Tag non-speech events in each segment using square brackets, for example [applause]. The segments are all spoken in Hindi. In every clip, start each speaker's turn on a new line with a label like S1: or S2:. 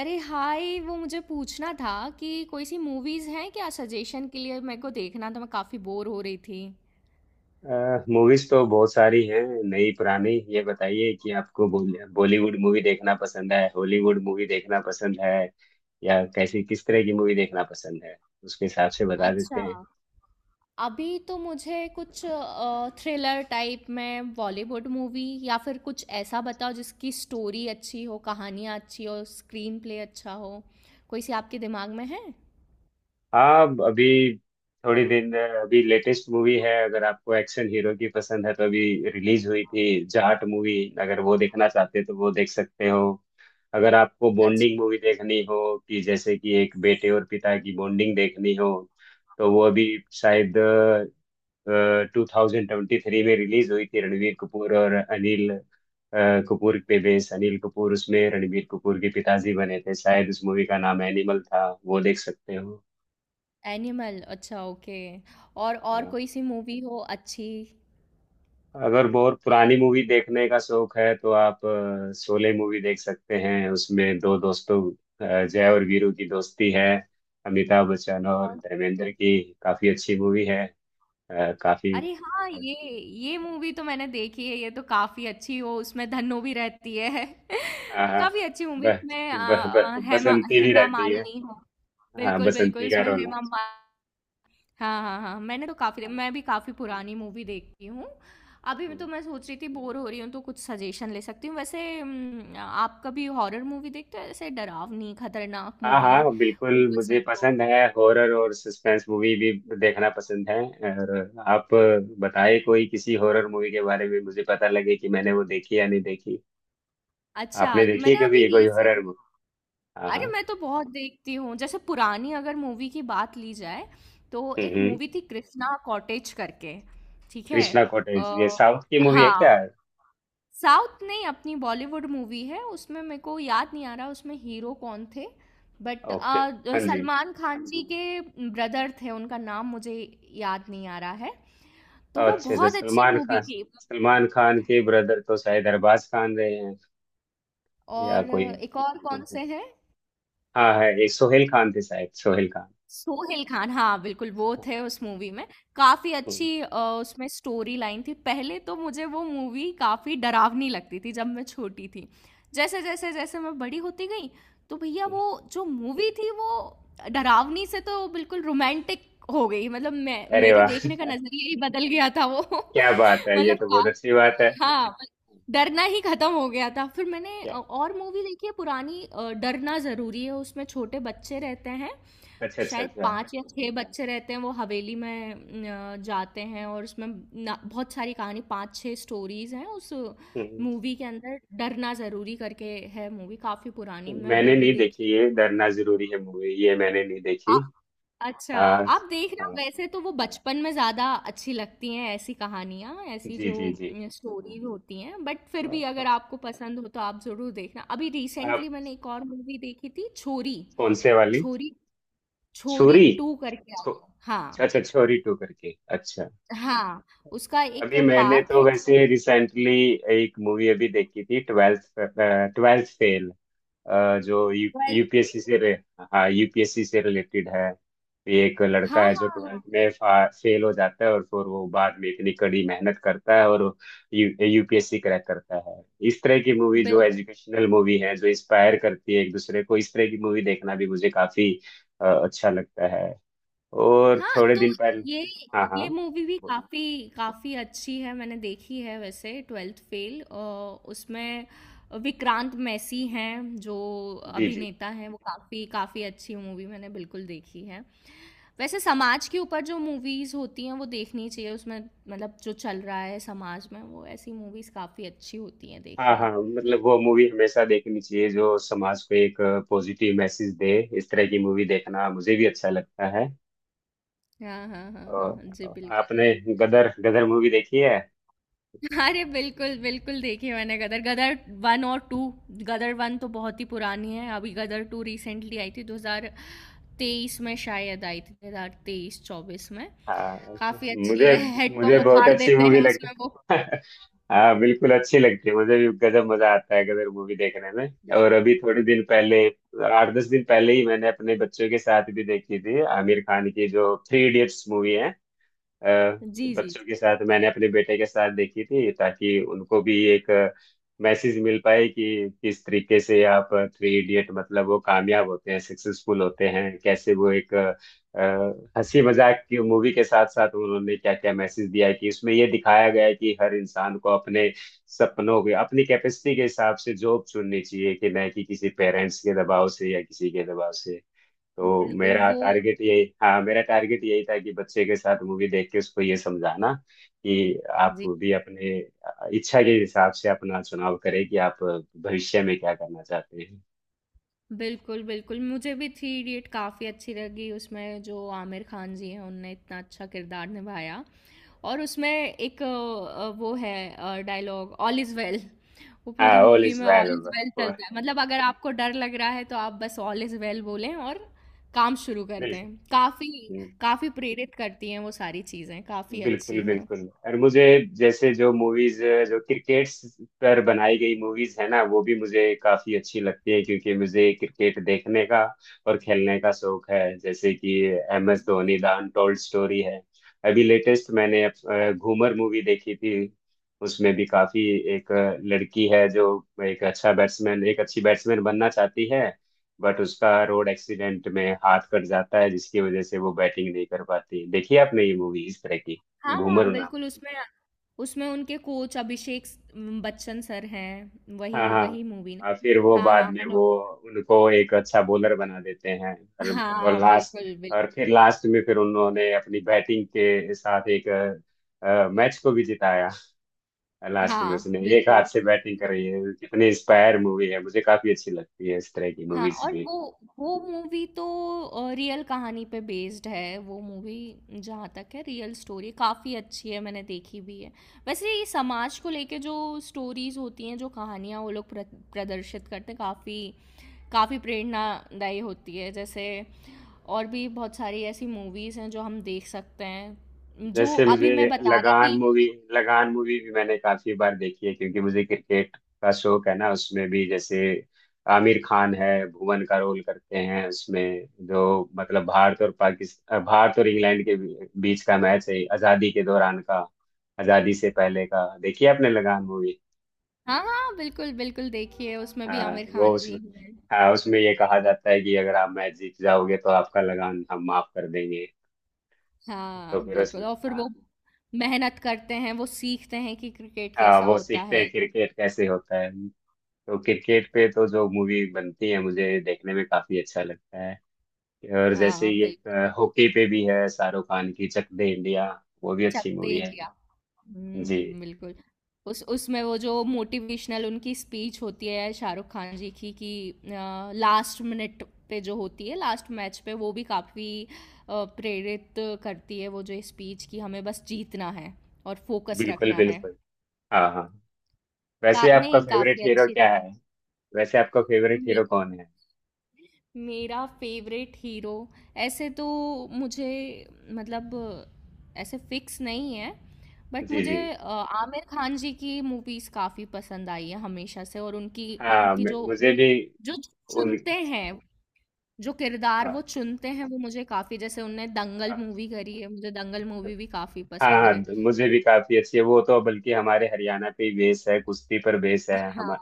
S1: अरे हाय, वो मुझे पूछना था कि कोई सी मूवीज हैं क्या सजेशन के लिए। मेरे को देखना था, मैं काफी बोर हो रही थी।
S2: मूवीज तो बहुत सारी हैं, नई पुरानी। ये बताइए कि आपको बॉलीवुड मूवी देखना पसंद है, हॉलीवुड मूवी देखना पसंद है, या कैसी किस तरह की मूवी देखना पसंद है। उसके हिसाब से बता देते
S1: अच्छा।
S2: हैं।
S1: अभी तो मुझे कुछ थ्रिलर टाइप में बॉलीवुड मूवी या फिर कुछ ऐसा बताओ जिसकी स्टोरी अच्छी हो, कहानियाँ अच्छी हो, स्क्रीन प्ले अच्छा हो। कोई सी आपके दिमाग में है?
S2: हाँ अभी, थोड़ी दिन अभी लेटेस्ट मूवी है। अगर आपको एक्शन हीरो की पसंद है तो अभी रिलीज हुई थी जाट मूवी। अगर वो देखना चाहते हैं तो वो देख सकते हो। अगर आपको
S1: अच्छा,
S2: बॉन्डिंग मूवी देखनी हो, कि जैसे कि एक बेटे और पिता की बॉन्डिंग देखनी हो, तो वो अभी शायद 2023 में रिलीज हुई थी। रणवीर कपूर और अनिल कपूर पे बेस, अनिल कपूर उसमें रणवीर कपूर के पिताजी बने थे। शायद उस मूवी का नाम एनिमल था, वो देख सकते हो।
S1: एनिमल, अच्छा, ओके। और
S2: हाँ।
S1: कोई सी मूवी हो अच्छी?
S2: अगर बहुत पुरानी मूवी देखने का शौक है तो आप शोले मूवी देख सकते हैं। उसमें दो दोस्तों, जय और वीरू की दोस्ती है। अमिताभ बच्चन और धर्मेंद्र की काफी अच्छी मूवी है। काफी।
S1: अरे हाँ, ये मूवी तो मैंने देखी है, ये तो काफी अच्छी हो। उसमें धन्नो भी रहती है।
S2: हाँ
S1: [laughs]
S2: हाँ।
S1: काफी अच्छी
S2: ब,
S1: मूवी। उसमें आ,
S2: ब,
S1: आ,
S2: ब,
S1: हेमा
S2: बसंती भी
S1: हेमा
S2: रहती है।
S1: मालिनी हो।
S2: हाँ,
S1: बिल्कुल बिल्कुल,
S2: बसंती का
S1: उसमें
S2: रोल है।
S1: हेमा मालिनी। हाँ हाँ हाँ, मैंने तो काफी,
S2: हाँ।
S1: मैं भी काफी पुरानी मूवी देखती हूँ। अभी
S2: हम्म।
S1: मैं सोच रही थी बोर हो रही हूँ तो कुछ सजेशन ले सकती हूँ। वैसे आप कभी हॉरर मूवी देखते हो? ऐसे डरावनी खतरनाक
S2: हाँ
S1: मूवी
S2: हाँ, बिल्कुल
S1: कुछ
S2: मुझे
S1: पसंद हो?
S2: पसंद है। हॉरर और सस्पेंस मूवी भी देखना पसंद है। और आप बताए कोई किसी हॉरर मूवी के बारे में, मुझे पता लगे कि मैंने वो देखी या नहीं देखी।
S1: अच्छा,
S2: आपने देखी है
S1: मैंने
S2: कभी
S1: अभी
S2: ये कोई हॉरर
S1: रिसेंट।
S2: मूवी? हाँ
S1: अरे
S2: हाँ।
S1: मैं तो बहुत देखती हूँ। जैसे पुरानी अगर मूवी की बात ली जाए तो
S2: हम्म
S1: एक
S2: हम्म।
S1: मूवी थी कृष्णा कॉटेज करके। ठीक है।
S2: कृष्णा कॉटेज, ये
S1: अ,
S2: साउथ की मूवी है
S1: हाँ,
S2: क्या?
S1: साउथ नहीं, अपनी बॉलीवुड मूवी है। उसमें मेरे को याद नहीं आ रहा उसमें हीरो कौन थे, बट
S2: ओके। हाँ जी।
S1: सलमान खान जी के ब्रदर थे। उनका नाम मुझे याद नहीं आ रहा है। तो वो
S2: अच्छा अच्छा।
S1: बहुत अच्छी
S2: सलमान
S1: मूवी
S2: खान,
S1: थी।
S2: सलमान खान के ब्रदर तो शायद अरबाज खान रहे हैं, या
S1: और
S2: कोई।
S1: एक और
S2: हम्म,
S1: कौन
S2: हम्म।
S1: से हैं?
S2: हाँ है, ये सोहेल खान थे, शायद सोहेल खान।
S1: सोहेल खान, हाँ, बिल्कुल वो
S2: हाँ।
S1: थे उस मूवी में। काफ़ी
S2: हम्म।
S1: अच्छी
S2: हम्म।
S1: उसमें स्टोरी लाइन थी। पहले तो मुझे वो मूवी काफ़ी डरावनी लगती थी जब मैं छोटी थी। जैसे-जैसे जैसे जैसे मैं बड़ी होती गई तो भैया वो जो मूवी थी वो डरावनी से तो बिल्कुल रोमांटिक हो गई। मतलब मैं
S2: अरे
S1: मेरे
S2: वाह!
S1: देखने का नज़रिया ही बदल गया था वो।
S2: [laughs]
S1: [laughs]
S2: क्या बात है, ये
S1: मतलब
S2: तो
S1: का
S2: बहुत अच्छी बात है।
S1: हाँ, डरना ही खत्म हो गया था। फिर मैंने
S2: क्या?
S1: और मूवी देखी है पुरानी, डरना ज़रूरी है। उसमें छोटे बच्चे रहते हैं,
S2: अच्छा अच्छा
S1: शायद
S2: अच्छा।
S1: पांच या छह बच्चे रहते हैं वो हवेली में जाते हैं। और उसमें बहुत सारी कहानी, पांच छह स्टोरीज हैं उस
S2: हम्म,
S1: मूवी के अंदर। डरना जरूरी करके है मूवी, काफी पुरानी, मैं
S2: मैंने
S1: वो भी
S2: नहीं देखी
S1: देखी।
S2: ये डरना जरूरी है मूवी, ये मैंने नहीं
S1: आ-
S2: देखी।
S1: अच्छा।
S2: हाँ।
S1: आप देख रहे हो?
S2: हाँ
S1: वैसे तो वो बचपन में ज्यादा अच्छी लगती हैं, ऐसी कहानियां, ऐसी
S2: जी
S1: जो
S2: जी जी।
S1: स्टोरीज होती हैं। बट फिर भी अगर
S2: आप?
S1: आपको पसंद हो तो आप जरूर देखना। अभी रिसेंटली मैंने एक और मूवी देखी थी, छोरी।
S2: कौन से वाली?
S1: छोरी,
S2: छुरी
S1: छोरी 2 करके आ
S2: छो
S1: गया हाँ।
S2: अच्छा, छोरी टू करके, अच्छा।
S1: हाँ, उसका एक
S2: अभी मैंने
S1: पार्ट
S2: तो
S1: है।
S2: वैसे रिसेंटली एक मूवी अभी देखी थी, ट्वेल्थ ट्वेल्थ फेल। जो यू
S1: 12th फेल।
S2: यूपीएससी से रे हाँ, यूपीएससी से रिलेटेड है। ये एक लड़का
S1: हाँ,
S2: है जो
S1: हाँ, हाँ,
S2: ट्वेल्थ में फेल हो जाता है, और फिर वो बाद में इतनी कड़ी मेहनत करता है और यू यूपीएससी क्रैक करता है। इस तरह की मूवी जो
S1: बिल
S2: एजुकेशनल मूवी है, जो इंस्पायर करती है एक दूसरे को, इस तरह की मूवी देखना भी मुझे काफी अच्छा लगता है। और
S1: हाँ।
S2: थोड़े
S1: तो
S2: दिन पहले।
S1: ये
S2: हाँ
S1: ये
S2: हाँ।
S1: मूवी भी काफ़ी काफ़ी अच्छी है, मैंने देखी है वैसे 12th फेल। उसमें विक्रांत मैसी हैं जो
S2: जी जी।
S1: अभिनेता हैं। वो काफ़ी काफ़ी अच्छी मूवी मैंने बिल्कुल देखी है। वैसे समाज के ऊपर जो मूवीज़ होती हैं वो देखनी चाहिए। उसमें मतलब जो चल रहा है समाज में, वो ऐसी मूवीज़ काफ़ी अच्छी होती हैं
S2: हाँ
S1: देखनी।
S2: हाँ, मतलब वो मूवी हमेशा देखनी चाहिए जो समाज को एक पॉजिटिव मैसेज दे। इस तरह की मूवी देखना मुझे भी अच्छा लगता है।
S1: हाँ, हाँ, हाँ, हाँ,
S2: और
S1: हाँ, जी
S2: और
S1: बिल्कुल।
S2: आपने गदर गदर मूवी देखी है?
S1: [laughs] अरे बिल्कुल बिल्कुल, देखी मैंने गदर गदर वन और टू। गदर वन तो बहुत ही पुरानी है। अभी गदर टू रिसेंटली आई थी, 2023 में शायद आई थी, 2023 24 में।
S2: हाँ।
S1: काफी अच्छी
S2: मुझे
S1: है। [laughs]
S2: मुझे
S1: हेडपम्प
S2: बहुत
S1: उखाड़
S2: अच्छी
S1: देते
S2: मूवी
S1: हैं
S2: लगती
S1: उसमें वो।
S2: [laughs] है। हाँ बिल्कुल अच्छी लगती है। मुझे भी गजब मजा आता है गदर मूवी देखने में। और अभी थोड़े दिन पहले, आठ दस दिन पहले ही मैंने अपने बच्चों के साथ भी देखी थी आमिर खान की जो थ्री इडियट्स मूवी। अ,
S1: जी जी
S2: बच्चों
S1: जी,
S2: के साथ, मैंने अपने बेटे के साथ देखी थी ताकि उनको भी एक मैसेज मिल पाए कि किस तरीके से आप, थ्री इडियट मतलब वो कामयाब होते हैं, सक्सेसफुल होते हैं, कैसे वो एक हंसी मजाक की मूवी के साथ साथ उन्होंने क्या क्या मैसेज दिया है, कि उसमें ये दिखाया गया है कि हर इंसान को अपने सपनों के, अपनी कैपेसिटी के हिसाब से जॉब चुननी चाहिए, कि न कि किसी पेरेंट्स के दबाव से या किसी के दबाव से। तो
S1: बिल्कुल
S2: मेरा
S1: वो
S2: टारगेट यही, हाँ मेरा टारगेट यही था कि बच्चे के साथ मूवी देख के उसको ये समझाना कि आप भी अपने इच्छा के हिसाब से अपना चुनाव करें, कि आप भविष्य में क्या करना चाहते हैं।
S1: बिल्कुल, बिल्कुल। मुझे भी थ्री इडियट काफ़ी अच्छी लगी, उसमें जो आमिर खान जी हैं, उनने इतना अच्छा किरदार निभाया। और उसमें एक वो है डायलॉग ऑल इज़ वेल। वो
S2: हाँ,
S1: पूरी
S2: ऑल
S1: मूवी
S2: इज
S1: में
S2: वेल।
S1: ऑल इज़ वेल चलता है। मतलब अगर आपको डर लग रहा है, तो आप बस ऑल इज़ वेल बोलें और काम शुरू कर
S2: बिल्कुल
S1: दें। काफ़ी काफ़ी प्रेरित करती हैं वो सारी चीज़ें, काफ़ी
S2: बिल्कुल।
S1: अच्छी हैं।
S2: बिल्कुल, और मुझे जैसे जो मूवीज जो क्रिकेट पर बनाई गई मूवीज है ना, वो भी मुझे काफी अच्छी लगती है क्योंकि मुझे क्रिकेट देखने का और खेलने का शौक है। जैसे कि M S Dhoni the untold story है। अभी लेटेस्ट मैंने घूमर मूवी देखी थी। उसमें भी काफी, एक लड़की है जो एक अच्छा बैट्समैन, एक अच्छी बैट्समैन बनना चाहती है। बट उसका रोड एक्सीडेंट में हाथ कट जाता है जिसकी वजह से वो बैटिंग नहीं कर पाती। देखिए आपने ये मूवी इस तरह की,
S1: हाँ,
S2: घूमर
S1: हाँ,
S2: नाम।
S1: बिल्कुल उसमें उसमें उनके कोच अभिषेक स बच्चन सर हैं,
S2: हाँ
S1: वही
S2: हाँ।
S1: वही मूवी ना?
S2: और फिर वो
S1: हाँ,
S2: बाद
S1: हाँ,
S2: में
S1: मैंने।
S2: वो उनको एक अच्छा बॉलर बना देते हैं। और
S1: हाँ,
S2: लास्ट,
S1: बिल्कुल,
S2: और
S1: बिल्कुल।
S2: फिर लास्ट में फिर उन्होंने अपनी बैटिंग के साथ एक मैच को भी जिताया। लास्ट में
S1: हाँ,
S2: उसने एक
S1: बिल्कुल।
S2: हाथ से बैटिंग कर
S1: तो
S2: रही है। कितनी इंस्पायर मूवी है, मुझे काफी अच्छी लगती है इस तरह की
S1: हाँ,
S2: मूवीज।
S1: और वो मूवी तो रियल कहानी पे बेस्ड है वो मूवी। जहाँ तक है रियल स्टोरी काफ़ी अच्छी है, मैंने देखी भी है। वैसे ये समाज को लेके जो स्टोरीज होती हैं, जो कहानियाँ वो लोग प्रदर्शित करते हैं, काफ़ी काफ़ी प्रेरणादायी होती है। जैसे और भी बहुत सारी ऐसी मूवीज़ हैं जो हम देख सकते हैं, जो
S2: जैसे
S1: अभी मैं
S2: मुझे
S1: बता रही
S2: लगान
S1: थी।
S2: मूवी लगान मूवी भी मैंने काफी बार देखी है क्योंकि मुझे क्रिकेट का शौक है ना। उसमें भी जैसे आमिर खान है, भुवन का रोल करते हैं उसमें जो, मतलब भारत और पाकिस्तान, भारत और इंग्लैंड के बीच का मैच है, आजादी के दौरान का, आजादी से पहले का। देखिए आपने लगान मूवी।
S1: हाँ, हाँ, बिल्कुल, बिल्कुल देखिए उसमें भी
S2: हाँ
S1: आमिर
S2: वो
S1: खान जी
S2: उसमें।
S1: हैं,
S2: हाँ, उसमें
S1: बिल्कुल।
S2: ये कहा जाता है कि अगर आप मैच जीत जाओगे तो आपका लगान हम माफ कर देंगे। तो
S1: हाँ,
S2: फिर
S1: बिल्कुल,
S2: उसमें,
S1: और फिर
S2: हाँ
S1: वो मेहनत करते हैं, वो सीखते हैं कि क्रिकेट
S2: हाँ,
S1: कैसा
S2: वो
S1: होता
S2: सीखते
S1: है।
S2: हैं क्रिकेट कैसे होता है। तो क्रिकेट पे तो जो मूवी बनती है, मुझे देखने में काफी अच्छा लगता है। और जैसे
S1: हाँ,
S2: ये एक,
S1: बिल्कुल,
S2: हॉकी पे भी है शाहरुख खान की, चक दे इंडिया, वो भी
S1: चक
S2: अच्छी
S1: दे
S2: मूवी है।
S1: इंडिया।
S2: जी
S1: हुँ, बिल्कुल। उस उसमें वो जो मोटिवेशनल उनकी स्पीच होती है शाहरुख खान जी की, कि लास्ट मिनट पे जो होती है, लास्ट मैच पे, वो भी काफ़ी प्रेरित करती है वो जो स्पीच, कि हमें बस जीतना है और फोकस
S2: बिल्कुल
S1: रखना है।
S2: बिल्कुल। हाँ हाँ। वैसे आपका
S1: नहीं
S2: फेवरेट
S1: काफी
S2: हीरो
S1: अच्छी
S2: क्या
S1: थी।
S2: है? वैसे आपका फेवरेट
S1: मे,
S2: हीरो कौन है?
S1: मेरा फेवरेट हीरो ऐसे तो मुझे मतलब ऐसे फिक्स नहीं है। बट
S2: जी
S1: मुझे
S2: जी।
S1: आमिर खान जी की मूवीज काफी पसंद आई है हमेशा से, और उनकी
S2: हाँ,
S1: उनकी जो
S2: मुझे भी।
S1: जो
S2: उन
S1: चुनते हैं, जो किरदार वो
S2: हाँ
S1: चुनते हैं वो मुझे काफी, जैसे उनने दंगल मूवी करी है, मुझे दंगल मूवी भी काफी
S2: हाँ
S1: पसंद
S2: हाँ,
S1: है।
S2: मुझे भी काफी अच्छी है वो। तो बल्कि हमारे हरियाणा पे ही बेस है, कुश्ती पर बेस है
S1: हाँ
S2: हमारा।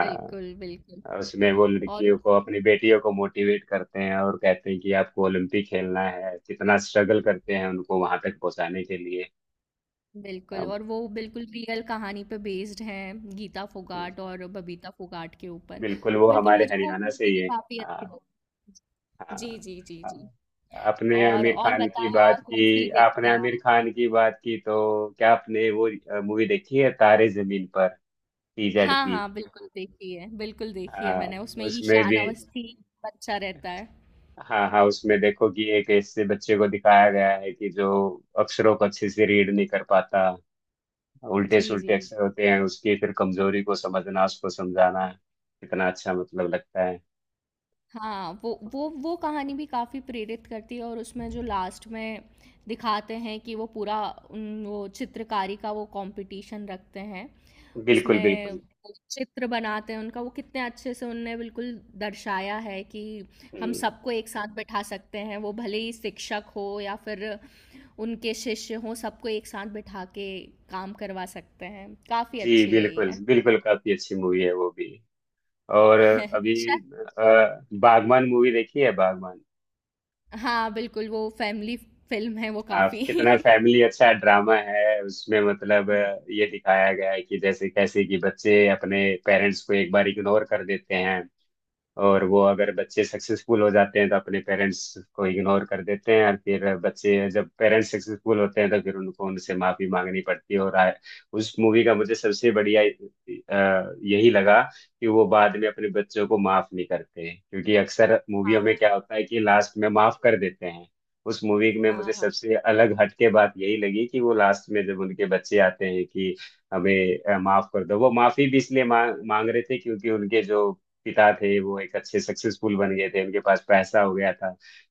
S1: बिल्कुल बिल्कुल।
S2: उसमें वो
S1: और
S2: लड़कियों को, अपनी बेटियों को मोटिवेट करते हैं और कहते हैं कि आपको ओलंपिक खेलना है। कितना स्ट्रगल करते हैं उनको वहां तक पहुंचाने के लिए।
S1: बिल्कुल,
S2: अब
S1: और वो बिल्कुल रियल कहानी पे बेस्ड हैं, गीता फोगाट और बबीता फोगाट के ऊपर।
S2: बिल्कुल वो
S1: बिल्कुल
S2: हमारे
S1: मुझे वो
S2: हरियाणा से
S1: मूवी
S2: ही
S1: भी
S2: है।
S1: काफी अच्छी
S2: हाँ।
S1: लगी।
S2: हाँ
S1: जी जी जी जी।
S2: हाँ।
S1: और बताएं, और कौन सी देखते
S2: आपने
S1: हैं
S2: आमिर
S1: आप?
S2: खान की बात की तो क्या आपने वो मूवी देखी है, तारे जमीन पर, टीजेड
S1: हाँ
S2: पी?
S1: हाँ बिल्कुल देखी है, बिल्कुल देखी है
S2: हाँ
S1: मैंने। उसमें
S2: उसमें
S1: ईशान
S2: भी।
S1: अवस्थी बच्चा रहता है।
S2: हाँ हाँ, उसमें देखो कि एक ऐसे बच्चे को दिखाया गया है कि जो अक्षरों को अच्छे से रीड नहीं कर पाता, उल्टे
S1: जी जी
S2: सुल्टे
S1: जी।
S2: अक्षर होते हैं। उसकी फिर कमजोरी को समझना, उसको समझाना कितना अच्छा मतलब लगता है।
S1: हाँ वो कहानी भी काफ़ी प्रेरित करती है, और उसमें जो लास्ट में दिखाते हैं कि वो पूरा वो चित्रकारी का वो कंपटीशन रखते हैं।
S2: बिल्कुल
S1: उसमें
S2: बिल्कुल।
S1: वो चित्र बनाते हैं उनका, वो कितने अच्छे से उनने बिल्कुल दर्शाया है कि हम
S2: हम्म,
S1: सबको एक साथ बैठा सकते हैं, वो भले ही शिक्षक हो या फिर उनके शिष्य हो, सबको एक साथ बैठा के काम करवा सकते हैं। काफ़ी
S2: जी
S1: अच्छी रही
S2: बिल्कुल
S1: है।
S2: बिल्कुल। काफी अच्छी मूवी है वो भी। और
S1: [laughs]
S2: अभी
S1: अच्छा।
S2: अ, बागवान मूवी देखी है, बागवान?
S1: हाँ बिल्कुल, वो फैमिली फिल्म है, वो काफ़ी।
S2: कितना फैमिली अच्छा ड्रामा है उसमें। मतलब
S1: [laughs]
S2: ये दिखाया गया है कि जैसे कैसे कि बच्चे अपने पेरेंट्स को एक बार इग्नोर कर देते हैं। और वो, अगर बच्चे सक्सेसफुल हो जाते हैं तो अपने पेरेंट्स को इग्नोर कर देते हैं, और फिर बच्चे जब पेरेंट्स सक्सेसफुल होते हैं तो फिर उनको उनसे माफी मांगनी पड़ती है। और उस मूवी का मुझे सबसे बढ़िया यही लगा, कि वो बाद में अपने बच्चों को माफ नहीं करते हैं क्योंकि अक्सर मूवियों में
S1: हाँ
S2: क्या होता है कि लास्ट में माफ कर देते हैं। उस मूवी में
S1: हाँ
S2: मुझे
S1: हाँ
S2: सबसे अलग हटके बात यही लगी कि वो लास्ट में जब उनके बच्चे आते हैं कि हमें माफ कर दो, वो माफी भी इसलिए मांग मांग रहे थे क्योंकि उनके जो पिता थे, वो एक अच्छे सक्सेसफुल बन गए थे, उनके पास पैसा हो गया था।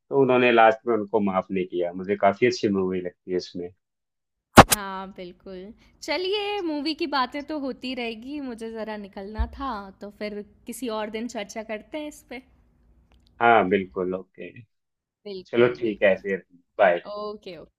S2: तो उन्होंने लास्ट में उनको माफ नहीं किया। मुझे काफी अच्छी मूवी लगती है इसमें।
S1: हाँ, बिल्कुल। चलिए मूवी की बातें तो होती रहेगी, मुझे ज़रा निकलना था, तो फिर किसी और दिन चर्चा करते हैं इस पे।
S2: हाँ बिल्कुल ओके। चलो
S1: बिल्कुल,
S2: ठीक है
S1: बिल्कुल।
S2: फिर। बाय।
S1: Okay, okay.